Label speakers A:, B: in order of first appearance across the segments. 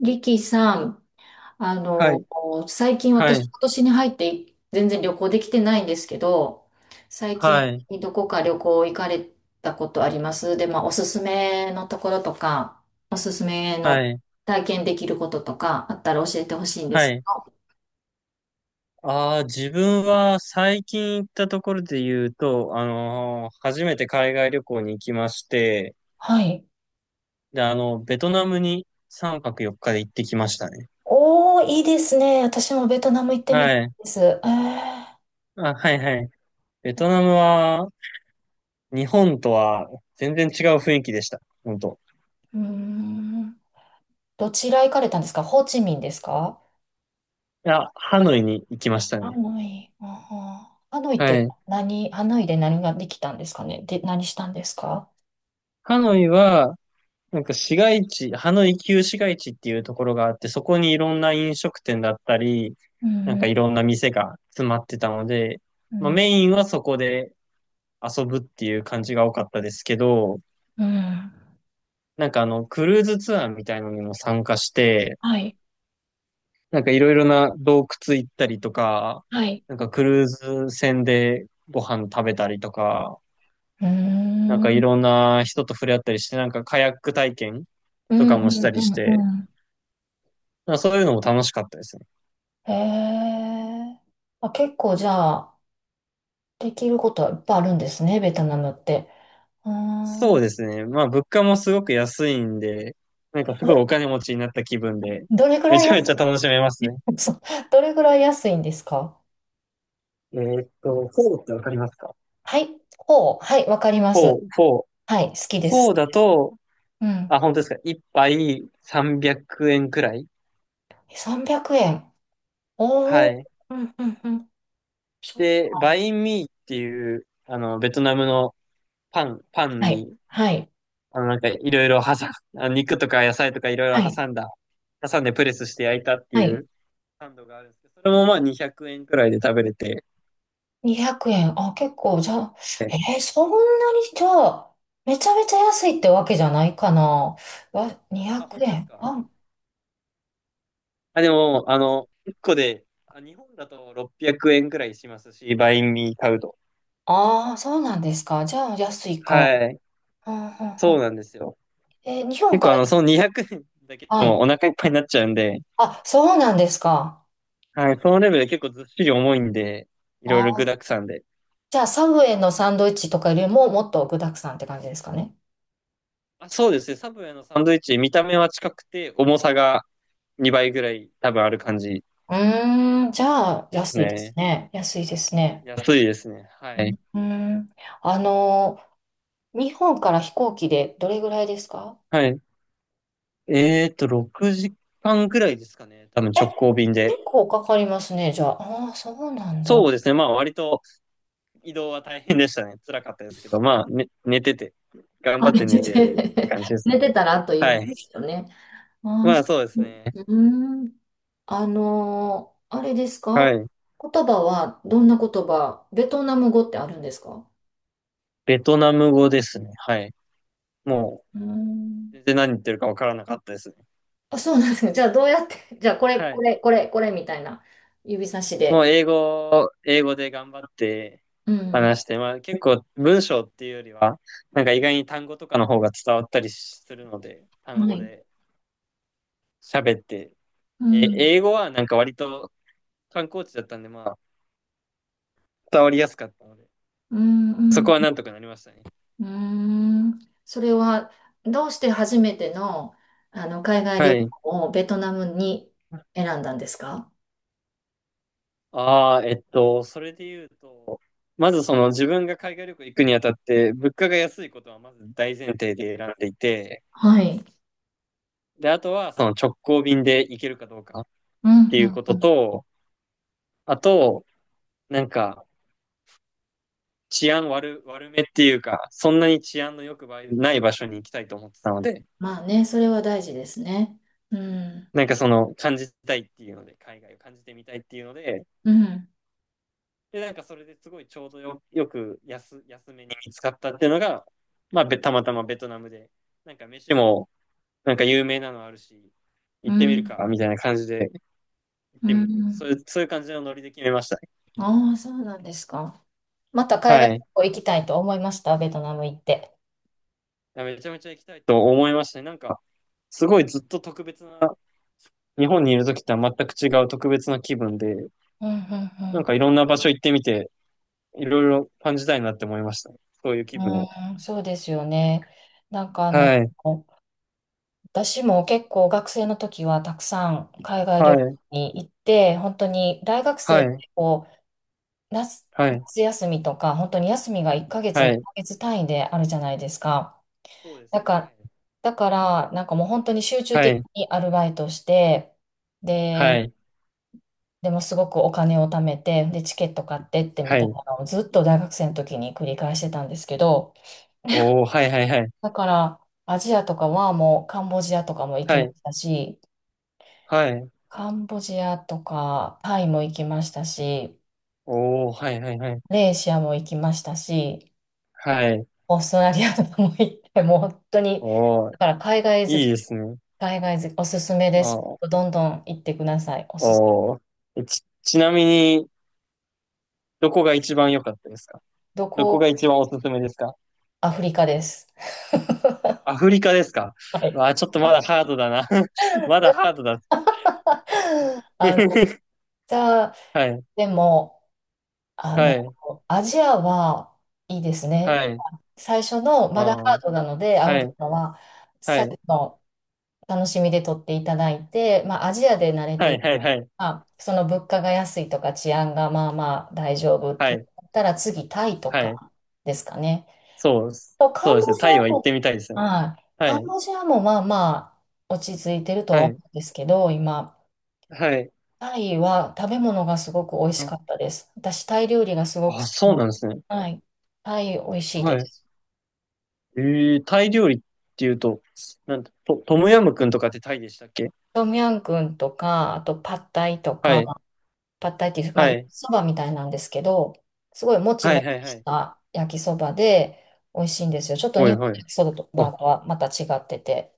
A: リキさん、あ
B: は
A: の、
B: い、
A: 最近
B: は
A: 私、
B: い、
A: 今年に入って全然旅行できてないんですけど、最
B: は
A: 近
B: い、
A: どこか旅行行かれたことあります？で、まあ、おすすめのところとか、おすすめの
B: はい、
A: 体験できることとかあったら教えてほしいんで
B: は
A: す。
B: い。ああ、自分は最近行ったところで言うと、初めて海外旅行に行きまして、
A: はい。
B: で、あの、ベトナムに3泊4日で行ってきましたね。
A: おー、いいですね。私もベトナム行ってみたい
B: はい。
A: です。
B: あ、はい、はい。ベトナムは、日本とは全然違う雰囲気でした。本当。
A: うーん。どちら行かれたんですか？ホーチミンですか？
B: いや、ハノイに行きました
A: ハ
B: ね。
A: ノイ、ハノイっ
B: は
A: て
B: い。
A: 何？ハノイで何ができたんですかね？で、何したんですか？
B: ハノイは、なんか市街地、ハノイ旧市街地っていうところがあって、そこにいろんな飲食店だったり、
A: う
B: なん
A: んう
B: か
A: ん、
B: いろんな店が詰まってたので、
A: う
B: まあ、
A: ん、
B: メインはそこで遊ぶっていう感じが多かったですけど、
A: うん。
B: なんかあの、クルーズツアーみたいのにも参加して、
A: はい、
B: なんかいろいろな洞窟行ったりとか、
A: はい。
B: なんかクルーズ船でご飯食べたりとか、
A: うー
B: なんかい
A: ん、
B: ろんな人と触れ合ったりして、なんかカヤック体験
A: う
B: と
A: ん、
B: か
A: う
B: もした
A: ん、う
B: りして、
A: ん、う
B: まあそういうのも楽しかったですね。
A: ん。へえ。あ、結構じゃあ、できることはいっぱいあるんですね、ベトナムって。うーん。
B: そう
A: あ
B: ですね。まあ、物価もすごく安いんで、なんかすごい
A: れ、
B: お金持ちになった気分で、
A: どれぐ
B: め
A: らい
B: ちゃめ
A: 安
B: ちゃ
A: い、
B: 楽しめますね。
A: そう、どれぐらい安いんですか？
B: フォーってわかりますか？
A: はい、ほう、はい、わかりま
B: フ
A: す。
B: ォー、フォー。
A: はい、好きで
B: フ
A: す、
B: ォー
A: 好き
B: だ
A: です。
B: と、
A: うん。
B: あ、本当ですか。一杯300円くえんくらい。
A: 300円。
B: は
A: おー
B: い。
A: うんうんうん。そっ
B: で、バ
A: か。
B: インミーっていう、あの、ベトナムのパン
A: はい、
B: に、
A: はい、
B: あの、なんかいろいろ挟ん、あの肉とか野菜とかいろい
A: は
B: ろ
A: い、
B: 挟んでプレスして焼いたって
A: は
B: い
A: い。
B: うサンドがあるんですけど、それもまあ200円くえんくらいで食べれて、
A: 200円。あ、結構、じゃあ、そんなに、じゃあ、めちゃめちゃ安いってわけじゃないかな。わ、200
B: あ、本当です
A: 円。
B: か？
A: あ、
B: あ、でも、あの、1個で、あ、日本だと600円くえんくらいしますし、バインミー買うと。
A: ああそうなんですか。じゃあ、安いか。
B: はい。
A: うんうんう
B: そう
A: ん。
B: なんですよ。
A: 日本
B: 結
A: か
B: 構あの、その200円だけで
A: ら、は
B: も
A: い。
B: お腹いっぱいになっちゃうんで、
A: あ、そうなんですか。
B: はい、そのレベルで結構ずっしり重いんで、い
A: あ
B: ろいろ具
A: ー、
B: 沢山で。
A: じゃあ、サブウェイのサンドイッチとかよりも、もっと具沢山って感じですかね。
B: あ、そうですね。サブウェイのサンドイッチ、見た目は近くて、重さが2倍ぐらい多分ある感じ
A: うーん、じゃあ、
B: です
A: 安いです
B: ね。
A: ね。安いですね。
B: 安いですね。はい。
A: うん。あの、日本から飛行機でどれぐらいですか？
B: はい。6時間ぐらいですかね。多分
A: え、
B: 直行便で。
A: 結構かかりますね、じゃあ。ああ、そうなん
B: そ
A: だ。
B: うですね。まあ割と移動は大変でしたね。辛かったですけど、まあ、ね、寝てて、頑
A: あ
B: 張っ
A: 寝
B: て
A: て
B: 寝てって
A: て
B: 感じですね。
A: 寝てたらあっという
B: は
A: 間で
B: い。
A: すよね。ああ
B: まあ、
A: そ
B: そうです
A: う
B: ね。
A: うん。あれですか？
B: はい。
A: 言葉はどんな言葉？ベトナム語ってあるんですか？
B: ベトナム語ですね。はい。も
A: う
B: う、
A: ん。
B: 全然何言ってるかわからなかったですね。
A: あ、そうなんですか。じゃあどうやって、じゃあこれ、
B: は
A: こ
B: い。
A: れ、これ、これみたいな指差し
B: もう、
A: で。
B: 英語で頑張って
A: うん。
B: 話して、まあ、結構文章っていうよりは、なんか意外に単語とかの方が伝わったりするので、単
A: は
B: 語
A: い。
B: で喋って、
A: う
B: え、
A: ん。
B: 英語はなんか割と観光地だったんで、まあ、伝わりやすかったので、
A: うん、う
B: そこ
A: ん。
B: はなんとかなりましたね。
A: うーん。それは、どうして初めての、海外
B: は
A: 旅
B: い。
A: 行をベトナムに選んだんですか？
B: ああ、それで言うと、まずその自分が海外旅行行くにあたって、物価が安いことはまず大前提で選んでいて、
A: はい。
B: で、あとはその直行便で行けるかどうかっ
A: うん、う
B: ていう
A: ん、
B: こ
A: う
B: と
A: ん。
B: と、あと、なんか治安悪、悪めっていうか、そんなに治安の良くない場所に行きたいと思ってたので、
A: まあね、それは大事ですね。うん、
B: なんかその感じたいっていうので、海外を感じてみたいっていうので、
A: うん、
B: で、なんかそれですごいちょうどよく安めに見つかったっていうのが、まあ、たまたまベトナムで、なんか飯もなんか有名なのあるし、
A: う
B: 行ってみる
A: ん、
B: かみたいな感じで、行っ
A: う
B: てみ、そ
A: ん。
B: ういう、そういう感じのノリで決めましたね。
A: ああ、そうなんですか。また海外
B: はい。
A: 旅行行きたいと思いました、ベトナム行って。
B: めちゃめちゃ行きたいと思いましたね。なんか、すごいずっと特別な、日本にいる時とは全く違う特別な気分で、
A: うん、うん、
B: なん
A: う
B: かいろんな場所行ってみて、いろいろ感じたいなって思いましたね、そういう気分を。
A: ん。うん、そうですよね。なんか
B: はい。
A: 私も結構学生の時はたくさん海外
B: は
A: 旅行
B: い。
A: に行って、本当に大学生
B: は
A: って
B: い。
A: こう夏、
B: はい。
A: 夏休みとか、本当に休みが1ヶ月、
B: は
A: 2
B: い。
A: ヶ月単位であるじゃないですか。
B: そうです
A: だ
B: ね。
A: か
B: は
A: ら、
B: い。
A: だからなんかもう本当に集中
B: は
A: 的
B: い、
A: にアルバイトして、
B: は
A: で、
B: い、
A: でもすごくお金を貯めて、で、チケット買ってってみ
B: は
A: たい
B: い。
A: なのをずっと大学生の時に繰り返してたんですけど、
B: おー、はい、はい、はい。
A: だからアジアとかはもうカンボジアとかも行き
B: は
A: ま
B: い、
A: したし、
B: はい。
A: カンボジアとか、タイも行きましたし、
B: おー、はい、はい、はい。
A: マレーシアも行きましたし、
B: はい。
A: オーストラリアとかも行って、もう本当に、
B: おー、
A: だから海外好
B: いい
A: き、
B: ですね。
A: 海外好き、おすすめで
B: あ
A: す。
B: ー、
A: どんどん行ってください。おすす、
B: おー。ちなみに、どこが一番良かったですか？
A: ど
B: どこが
A: こ、
B: 一番おすすめですか？
A: アフリカです。
B: アフリカですか？
A: はい。
B: わあ、ちょっとまだハードだな。まだハードだ。
A: あの、じゃあ、
B: はい、
A: でも、あ
B: は
A: の、
B: い、
A: アジアはいいですね。
B: はい。
A: 最初の、
B: あ
A: まだハー
B: ー、
A: ドなので、ア
B: は
A: フリ
B: い、
A: カは、
B: は
A: 最
B: い、
A: 後の楽しみで取っていただいて、まあ、アジアで慣れ
B: は
A: てい
B: い、
A: く、
B: はい、はい、
A: まあ、その物価が安いとか治安がまあまあ大丈夫って
B: は
A: 言
B: い、
A: ったら次、タイと
B: はい。
A: かですかね。
B: そうです。
A: と、カ
B: そう
A: ン
B: です
A: ボ
B: ね。
A: ジ
B: タイ
A: ア
B: は行っ
A: も、
B: てみたいですね。
A: はい、
B: は
A: カン
B: い、
A: ボジアもまあまあ落ち着いてるとは
B: は
A: 思
B: い、
A: うんですけど、今、
B: はい。
A: タイは食べ物がすごく美味しかったです。私、タイ料理がすごく好
B: あ、
A: き
B: そう
A: な、
B: なんですね。
A: はい。タイ美味しいで
B: はい。
A: す。
B: えー、タイ料理っていうと、なんと、トトムヤムクンとかってタイでしたっけ？
A: トミヤンクンとか、あとパッタイと
B: は
A: か、
B: い。
A: パッタイっていう、まあ、
B: は
A: 焼き
B: い。
A: そばみたいなんですけど、すごいもち
B: はい、
A: も
B: はい、
A: ち
B: は
A: し
B: い。
A: た焼きそばで美味しいんですよ。ちょっと日
B: はい、
A: 本の
B: はい。
A: 焼きそば
B: あ、
A: とはまた違ってて。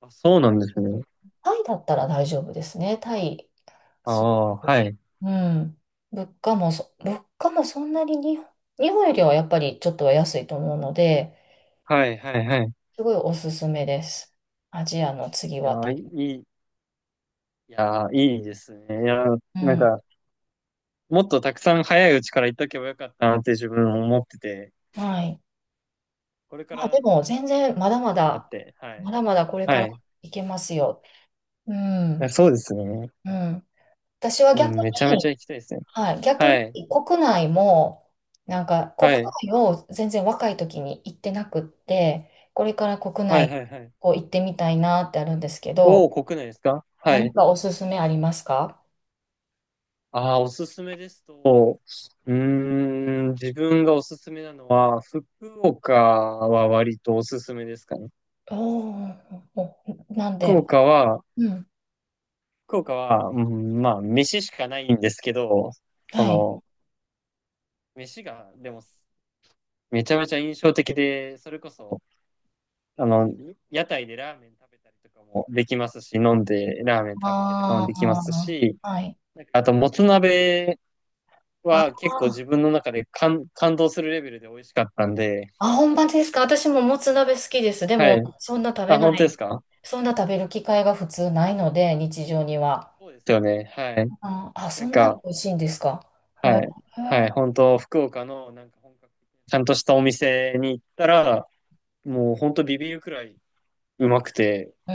B: あ、そうなんですね。
A: タイだったら大丈夫ですね。タイ。
B: あ
A: す
B: あ、はい。
A: うん。物価もそんなに日本、よりはやっぱりちょっとは安いと思うので、
B: はい、はい、はい。い
A: すごいおすすめです。アジアの次
B: や
A: はタ
B: ー、い
A: イ。
B: い、いやー、いいですね。いやー、
A: う
B: なん
A: ん。
B: か、もっとたくさん早いうちから行っとけばよかったなって自分思ってて、
A: はい。
B: これか
A: まあ
B: ら
A: で
B: なん
A: も
B: かで
A: 全
B: きるだ
A: 然
B: け
A: ま
B: 行き
A: だ
B: たい
A: ま
B: なっ
A: だ、
B: て、は
A: ま
B: い。
A: だまだこれか
B: は
A: ら
B: い。
A: いけますよ。う
B: いや
A: ん。
B: そうですね。
A: うん。私は
B: う
A: 逆
B: ん、めちゃめ
A: に、
B: ちゃ行きたいですね。
A: はい、逆
B: はい。
A: に国内も、なんか国
B: はい。
A: 内を全然若い時に行ってなくって、これから国
B: はい、は
A: 内
B: い、はい。
A: こう行ってみたいなってあるんですけ
B: お
A: ど、
B: お、国内ですか？は
A: 何
B: い。
A: かおすすめありますか？
B: ああ、おすすめですと、うーん、自分がおすすめなのは、福岡は割とおすすめですかね。
A: おーお、なんで、
B: 福岡は、
A: うん、
B: 福岡は、うん、まあ、飯しかないんですけど、そ
A: はい。
B: の、飯が、でも、めちゃめちゃ印象的で、それこそ、あの、屋台でラーメン食べたりとかもできますし、飲んでラーメン食べてとかも
A: あ
B: できますし、
A: あ、はい。
B: なんかあと、もつ鍋
A: あ
B: は結構
A: ー
B: 自分の中で感動するレベルで美味しかったんで、
A: あ、本場ですか？私ももつ鍋好きです。で
B: は
A: も、
B: い。
A: そんな食べ
B: あ、
A: な
B: 本当です
A: い、
B: か？
A: そんな食べる機会が普通ないので、日常には。
B: そうですよね。はい。
A: あ、あ、
B: な
A: そ
B: ん
A: んなに
B: か、
A: 美味しいんですか。へ
B: はい。はい。本当、福岡のなんか本格的なちゃんとしたお店に行ったら、もう本当ビビるくらいうまくて、
A: え、う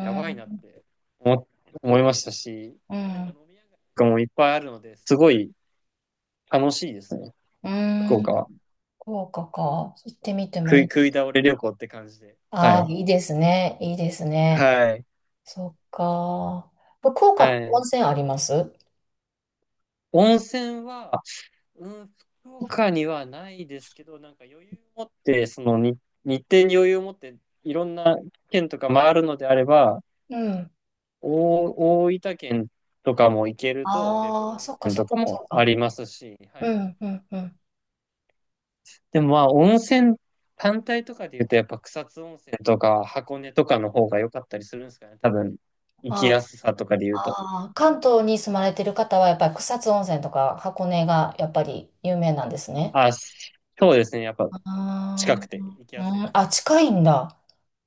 B: やばいなっ
A: ん、
B: て思、思いましたし、
A: う
B: なんか
A: ん、
B: 飲み屋街とかもいっぱいあるので、すごい楽しいですね。
A: う
B: 福
A: ーん、
B: 岡は。
A: 福岡か。行ってみてもいい。
B: 食い倒れ旅行って感じで。は
A: ああ、
B: い。
A: いいですね。いいですね。
B: はい。
A: そっか。福岡っ
B: は
A: て温
B: い。
A: 泉あります？
B: 温泉は、うん、福岡にはないですけど、なんか余裕を持って、その日程に余裕を持って、いろんな県とか回るのであれば、
A: うん。
B: 大大分県とかも行けると、別府
A: ああ、
B: 温
A: そっか
B: 泉
A: そっ
B: と
A: か
B: か
A: そ
B: も
A: っ
B: あ
A: か。
B: りますし、は
A: う
B: い。
A: ん、うん、うん。
B: でもまあ、温泉単体とかで言うと、やっぱ草津温泉とか箱根とかの方が良かったりするんですかね、多分、行き
A: あ
B: やすさとかで言うと。
A: あ、関東に住まれてる方はやっぱり草津温泉とか箱根がやっぱり有名なんですね。
B: あ、そうですね、やっぱ
A: あ
B: 近くて行き
A: あ、
B: やすい
A: う
B: で
A: ん、
B: すね。
A: あ、近いんだ。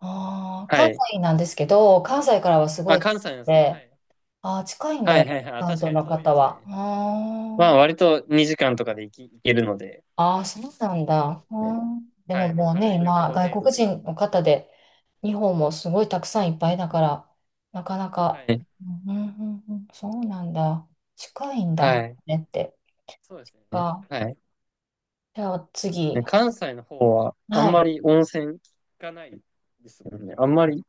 A: ああ、
B: は
A: 関
B: い。
A: 西なんですけど、関西からはすご
B: あ、
A: い遠く
B: 関西なんですね。は
A: て、
B: い。
A: ああ、近いんだ
B: はいはい
A: よ、
B: はい。あ、
A: 関
B: 確か
A: 東
B: に
A: の
B: 遠いで
A: 方
B: す
A: は。あ
B: ね。
A: ー
B: まあ割と2時間とかで行けるので。
A: あー、そうなん
B: そうで
A: だ。
B: す
A: う
B: ね。
A: んで
B: は
A: も
B: い。まあ
A: もうね、
B: 軽い旅行
A: 今、外
B: 程度
A: 国
B: で。
A: 人の方で、日本もすごいたくさんいっぱいだから、なかな
B: は
A: か、
B: い。
A: うんうんうんうん、そうなんだ。近いんだ、
B: はい。
A: ねって。
B: そうですね。
A: あ、
B: はい。
A: じゃあ次。
B: ね、関西の方はあん
A: はい。
B: まり温泉聞かないですもんね。あんまり、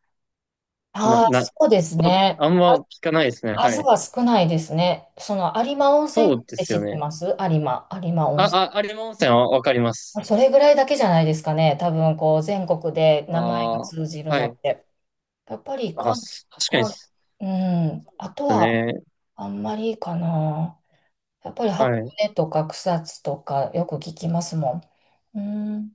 A: あ
B: な、
A: あ、
B: な、
A: そうです
B: お、
A: ね。
B: あんま聞かないですね。は
A: 数
B: い。
A: は少ないですね。その有馬温泉っ
B: そうで
A: て
B: す
A: 知
B: よ
A: って
B: ね。
A: ます？有馬、有馬温泉。
B: あ、あ、有馬温泉はわかります。
A: それぐらいだけじゃないですかね。多分こう全国で
B: あ
A: 名前が
B: あ、
A: 通じる
B: は
A: の
B: い。
A: って。やっぱりか、
B: 確かに
A: か、
B: そ
A: うん、あと
B: うです
A: は
B: ね。
A: あんまりかな。やっぱり箱
B: はい。
A: 根とか草津とかよく聞きますもん。う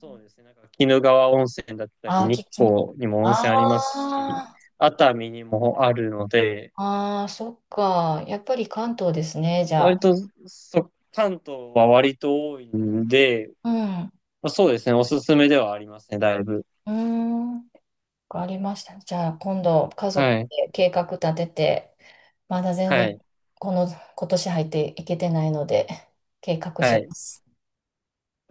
B: そうですね。なんか、鬼怒川温泉だった
A: あ
B: り、
A: あ、
B: 日光にも温
A: あ
B: 泉ありますし、
A: あ、
B: 熱海にもあるので、
A: ああ、そっか。やっぱり関東ですね、じゃ
B: 割
A: あ。
B: と、そ、関東は割と多いんで、
A: うん。
B: まあ、そうですね。おすすめではありますね、だいぶ。
A: うん。わかりましたね。じゃあ、今度、家族
B: はい。
A: で計画立てて、まだ全
B: は
A: 然、
B: い。
A: この、今年入っていけてないので、計画
B: は
A: し
B: い。
A: ます。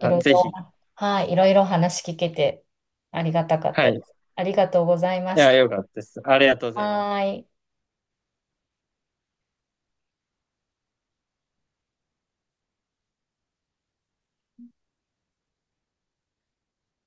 A: いろい
B: ぜ
A: ろ、
B: ひ。
A: はい、いろいろ話聞けて、ありがたかっ
B: は
A: た
B: い。
A: で
B: い
A: す。ありがとうございまし
B: や、よ
A: た。
B: かったです。ありがとうございま
A: は
B: す。
A: ーい。